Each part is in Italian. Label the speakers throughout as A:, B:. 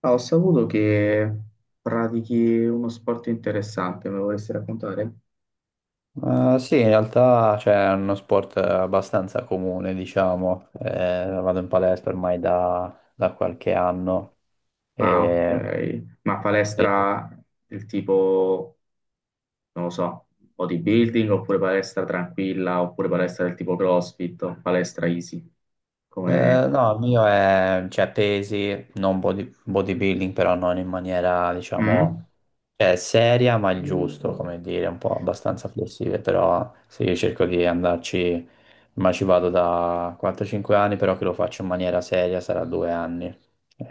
A: Ah, ho saputo che pratichi uno sport interessante, me lo vorresti raccontare?
B: Sì, in realtà è uno sport abbastanza comune, diciamo. Vado in palestra ormai da qualche anno.
A: Ah, ok.
B: E,
A: Ma
B: sì.
A: palestra del tipo, non lo so, bodybuilding oppure palestra tranquilla oppure palestra del tipo CrossFit o palestra easy? Come...
B: No, il mio è, cioè, pesi, non bodybuilding, però non in maniera, diciamo,
A: Mm?
B: cioè, seria, ma il giusto, come dire, un po' abbastanza flessibile, però sì, io cerco di andarci, ma ci vado da 4-5 anni, però che lo faccio in maniera seria sarà 2 anni.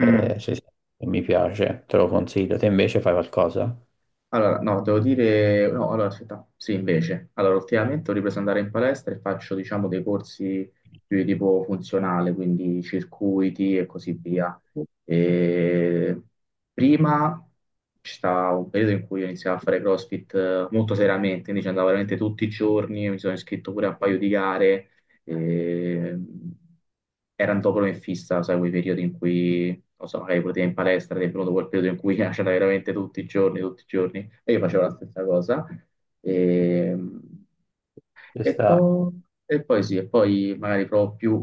A: Mm.
B: Sì, sì, mi piace, te lo consiglio. Te invece fai qualcosa?
A: Allora, no, devo dire, no, allora aspetta, sì, invece, allora ultimamente ho ripreso ad andare in palestra e faccio, diciamo, dei corsi più di tipo funzionale, quindi circuiti e così via. E prima c'è stato un periodo in cui ho iniziato a fare CrossFit molto seriamente, quindi ci andavo veramente tutti i giorni, mi sono iscritto pure a un paio di gare e, erano dopo fissa, sai, quei periodi in cui, non so, magari pure te in palestra, ti è venuto quel periodo in cui c'era veramente tutti i giorni, e io facevo la stessa cosa. E,
B: Ci sta.
A: e poi sì, e poi magari proprio più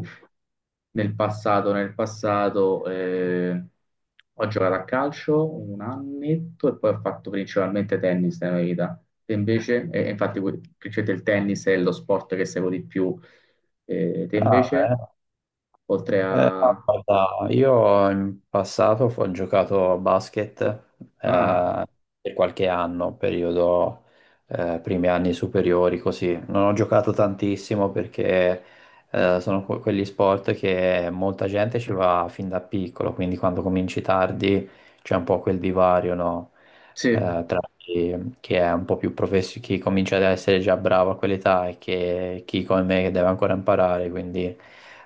A: nel passato, nel passato, ho giocato a calcio un annetto e poi ho fatto principalmente tennis nella mia vita. E invece, e infatti, que- principalmente il tennis è lo sport che seguo di più. Te
B: Ah,
A: invece,
B: beh.
A: oltre
B: No,
A: a...
B: guarda, io in passato ho giocato a basket
A: Ah,
B: eh, per qualche anno, periodo primi anni superiori, così. Non ho giocato tantissimo perché sono quegli sport che molta gente ci va fin da piccolo, quindi quando cominci tardi c'è un po' quel divario, no?
A: sì.
B: Tra chi, chi è un po' più professionista, chi comincia ad essere già bravo a quell'età e che, chi come me che deve ancora imparare, quindi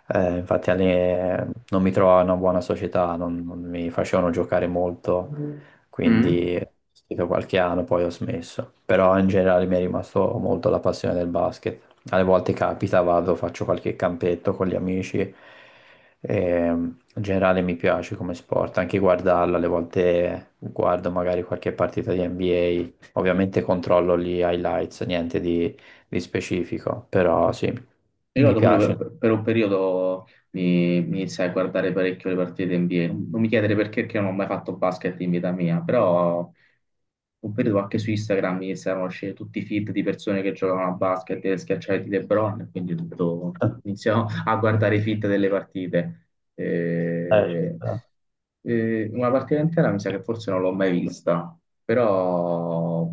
B: infatti non mi trovavo in una buona società, non mi facevano giocare molto. Mm.
A: Mm?
B: Quindi ho seguito qualche anno, poi ho smesso, però in generale mi è rimasto molto la passione del basket. Alle volte capita, vado, faccio qualche campetto con gli amici. In generale mi piace come sport, anche guardarlo, alle volte guardo magari qualche partita di NBA, ovviamente controllo gli highlights, niente di, di specifico, però sì,
A: Mi
B: mi
A: ricordo pure
B: piace.
A: per un periodo mi iniziai a guardare parecchio le partite NBA. Non mi chiedere perché, perché non ho mai fatto basket in vita mia, però un periodo anche su Instagram mi iniziarono a uscire tutti i feed di persone che giocavano a basket e schiacciai di LeBron, e quindi tutto iniziò a guardare i feed delle partite.
B: Eh,
A: Eh,
B: eh,
A: una partita intera mi sa che forse non l'ho mai vista, però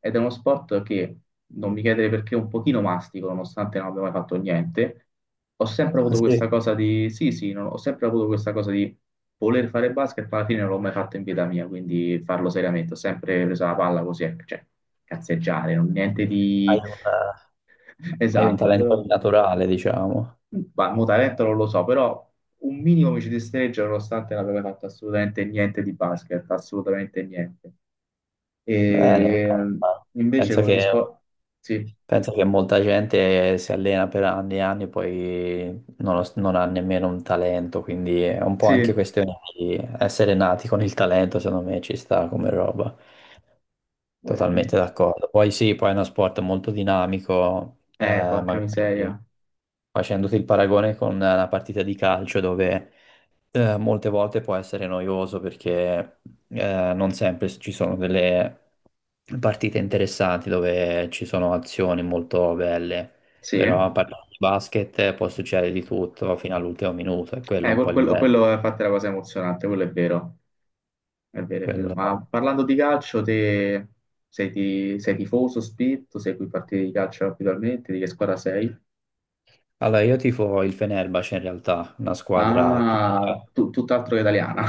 A: ed è uno sport che non mi chiedere perché un pochino mastico, nonostante non abbia mai fatto niente. Ho sempre avuto
B: sì,
A: questa cosa di sì, sì, non- ho sempre avuto questa cosa di voler fare basket, ma alla fine non l'ho mai fatto in vita mia, quindi farlo seriamente. Ho sempre preso la palla così, ecco, cioè cazzeggiare, non niente
B: hai
A: di
B: hai un
A: esatto,
B: talento
A: però
B: naturale, diciamo.
A: ma mo talento non lo so, però un minimo mi ci destreggio nonostante non abbia mai fatto assolutamente niente di basket, assolutamente niente. E
B: Bene.
A: ehm, invece
B: Penso
A: con gli
B: che
A: sport sì.
B: Penso che molta gente si allena per anni e anni e poi non ha nemmeno un talento, quindi è un po'
A: Sì,
B: anche questione di essere nati con il talento, secondo me ci sta come roba. Totalmente d'accordo. Poi sì, poi è uno sport molto dinamico,
A: porca
B: magari
A: miseria.
B: facendoti il paragone con una partita di calcio dove molte volte può essere noioso perché non sempre ci sono delle partite interessanti dove ci sono azioni molto belle,
A: Sì,
B: però parlando di basket può succedere di tutto fino all'ultimo minuto, è quello
A: que-
B: un po' il
A: quello,
B: bello.
A: quello è infatti la cosa emozionante, quello è vero, è vero, è vero.
B: quello-
A: Ma parlando di calcio, te sei, ti- sei tifoso, spinto, segui partite di calcio abitualmente, di che squadra sei?
B: Allora, io tifo il Fenerbahce in realtà, una squadra
A: Ah,
B: turca.
A: tu- tutt'altro che italiana.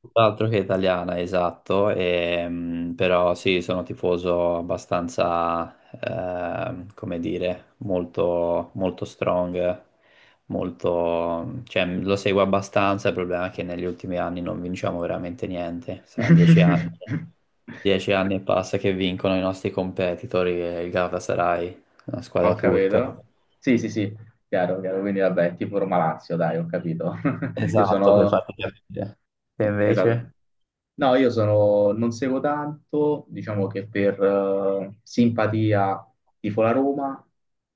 B: Tutt'altro che italiana, esatto, però sì, sono tifoso abbastanza, come dire, molto strong, molto, cioè, lo seguo abbastanza, il problema è che negli ultimi anni non vinciamo veramente niente, saranno 10 anni e passa che vincono i nostri competitor, il Galatasaray, una
A: Ho
B: squadra turca.
A: capito. Sì, sì, sì, chiaro, chiaro. Quindi vabbè, tipo Roma-Lazio, dai, ho capito. Io
B: Esatto, per
A: sono,
B: farti capire. E
A: esatto.
B: invece?
A: No, io sono, non seguo tanto, diciamo che per simpatia tifo la Roma,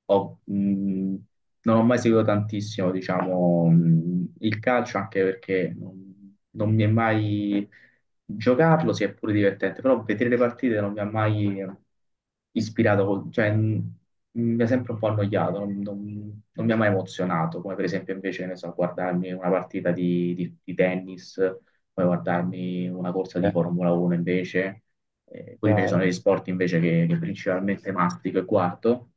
A: ho- non ho mai seguito tantissimo, diciamo, il calcio, anche perché non, non mi è mai giocarlo, sia pure divertente, però vedere le partite non mi ha mai ispirato, col- cioè mi ha sempre un po' annoiato, non, non- non mi ha mai emozionato, come per esempio invece, che ne so, guardarmi una partita di tennis poi guardarmi una corsa di
B: Eh,
A: Formula 1 invece, quelli invece sono
B: Chiaro.
A: gli sport invece che principalmente mastico e guardo,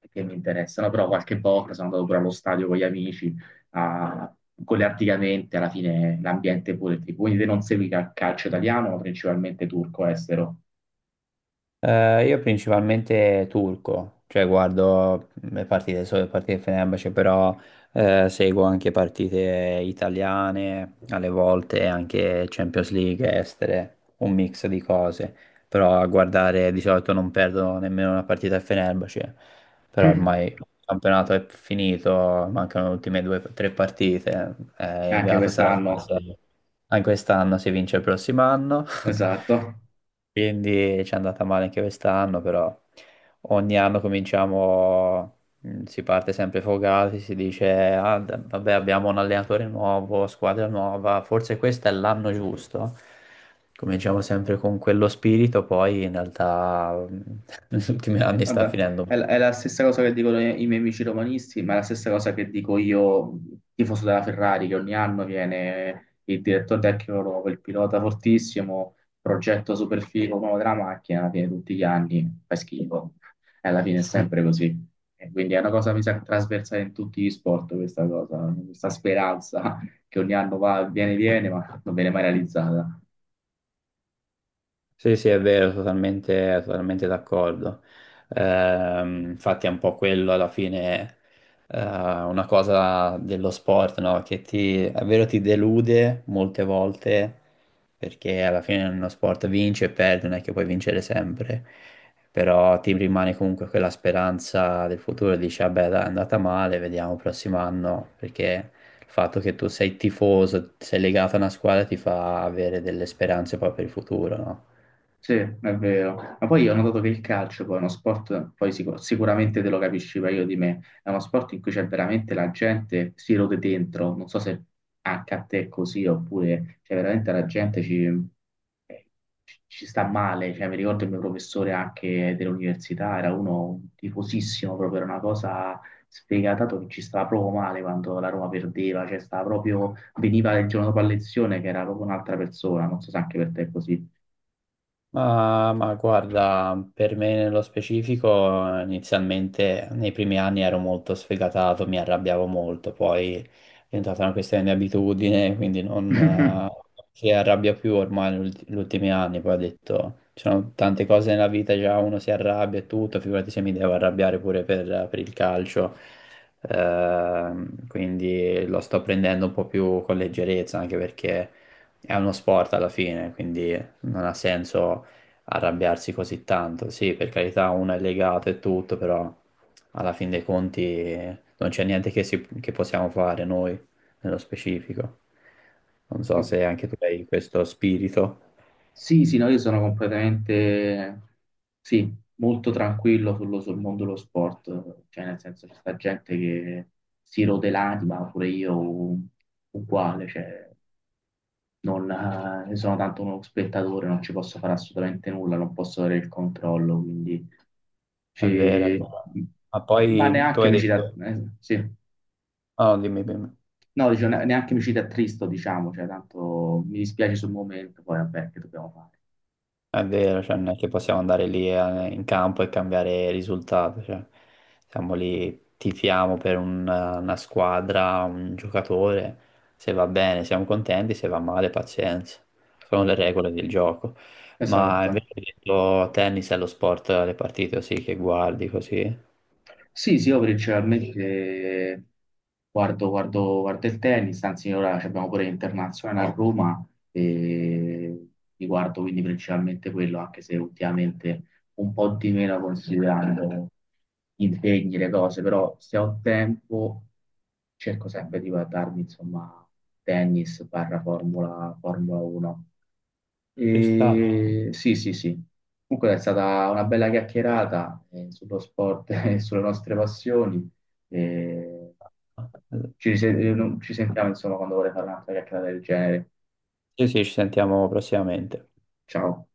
A: e che mi interessano, però qualche volta sono andato pure allo stadio con gli amici, a- collettivamente alla fine l'ambiente è pure ti- quindi te non segui cal- calcio italiano, ma principalmente turco estero.
B: Io principalmente turco, cioè guardo le partite, solo le partite di Fenerbahce, però seguo anche partite italiane, alle volte anche Champions League estere, un mix di cose, però a guardare di solito non perdo nemmeno una partita a Fenerbahce, però ormai il campionato è finito, mancano le ultime due o tre partite,
A: Anche
B: Galatasaray
A: quest'anno,
B: sarà anche quest'anno, si vince il prossimo anno.
A: esatto.
B: Quindi ci è andata male anche quest'anno, però ogni anno cominciamo, si parte sempre fogati, si dice, "Ah, vabbè, abbiamo un allenatore nuovo, squadra nuova, forse questo è l'anno giusto. Cominciamo sempre con quello spirito, poi in realtà negli ultimi anni sta
A: Guarda,
B: finendo un po'.
A: è la stessa cosa che dicono i, i miei amici romanisti, ma è la stessa cosa che dico io, tifoso della Ferrari, che ogni anno viene il direttore tecnico nuovo, il pilota fortissimo, progetto super figo nuovo della macchina, alla fine tutti gli anni fa schifo. E alla fine è sempre così. E quindi è una cosa, mi sa, trasversale in tutti gli sport, questa cosa, questa speranza che ogni anno va, viene, viene, ma non viene mai realizzata.
B: Sì, sì, è vero, totalmente d'accordo. Infatti è un po' quello alla fine, una cosa dello sport, no? Che ti, è vero, ti delude molte volte, perché alla fine uno sport vince e perde, non è che puoi vincere sempre, però ti rimane comunque quella speranza del futuro, dici, vabbè, dai, è andata male, vediamo il prossimo anno, perché il fatto che tu sei tifoso, sei legato a una squadra ti fa avere delle speranze poi per il futuro, no?
A: Sì, è vero. Ma poi io ho notato che il calcio poi è uno sport, poi sicu- sicuramente te lo capisci meglio di me, è uno sport in cui c'è veramente la gente si rode dentro, non so se anche a te è così, oppure cioè veramente la gente ci, ci- ci sta male, cioè mi ricordo il mio professore anche dell'università, era uno tifosissimo, proprio era una cosa sfegata che ci stava proprio male quando la Roma perdeva, cioè stava proprio, veniva il giorno dopo la lezione che era proprio un'altra persona, non so se anche per te è così.
B: Ma guarda, per me nello specifico, inizialmente nei primi anni ero molto sfegatato, mi arrabbiavo molto, poi è diventata una questione di abitudine, quindi non si arrabbia più ormai negli ultimi anni, poi ho detto, ci sono tante cose nella vita, già uno si arrabbia e tutto, figurati se mi devo arrabbiare pure per il calcio. Quindi lo sto prendendo un po' più con leggerezza, anche perché è uno sport alla fine, quindi non ha senso arrabbiarsi così tanto. Sì, per carità, uno è legato e tutto, però alla fin dei conti non c'è niente che, che possiamo fare noi nello specifico. Non so
A: No,
B: se anche tu hai questo spirito.
A: sì, sì, no, io sono completamente, sì, molto tranquillo sullo- sul mondo dello sport, cioè nel senso c'è sta gente che si rode l'anima, pure io u- uguale, cioè non sono tanto uno spettatore, non ci posso fare assolutamente nulla, non posso avere il controllo, quindi
B: È vero, è
A: ci-
B: vero. Ma
A: ma
B: poi tu
A: neanche
B: hai
A: mi ci da-
B: detto...
A: sì.
B: Ah, no, dimmi, dimmi.
A: No, dicevo, ne- neanche mi ci attristo, diciamo, cioè tanto mi dispiace sul momento, poi vabbè, che dobbiamo fare.
B: È vero, cioè non è che possiamo andare lì in campo e cambiare risultato, cioè, siamo lì, tifiamo per una squadra, un giocatore, se va bene siamo contenti, se va male pazienza, sono le regole del gioco. Ma
A: Esatto.
B: invece hai detto tennis è lo sport, le partite sì che guardi così,
A: Sì, sì, io principalmente guardo, guardo- guardo il tennis, anzi ora ci abbiamo pure internazionale a Roma e mi guardo quindi principalmente quello, anche se ultimamente un po' di meno considerando gli impegni, le cose, però se ho tempo cerco sempre di guardarmi insomma tennis barra Formula, Formula 1.
B: ci sta.
A: E sì, sì, sì. Comunque è stata una bella chiacchierata sullo sport e sulle nostre passioni. E ci, rise- non- ci sentiamo insomma quando vorrei fare un'altra chiacchierata del genere.
B: Sì, sì, ci sentiamo prossimamente.
A: Ciao.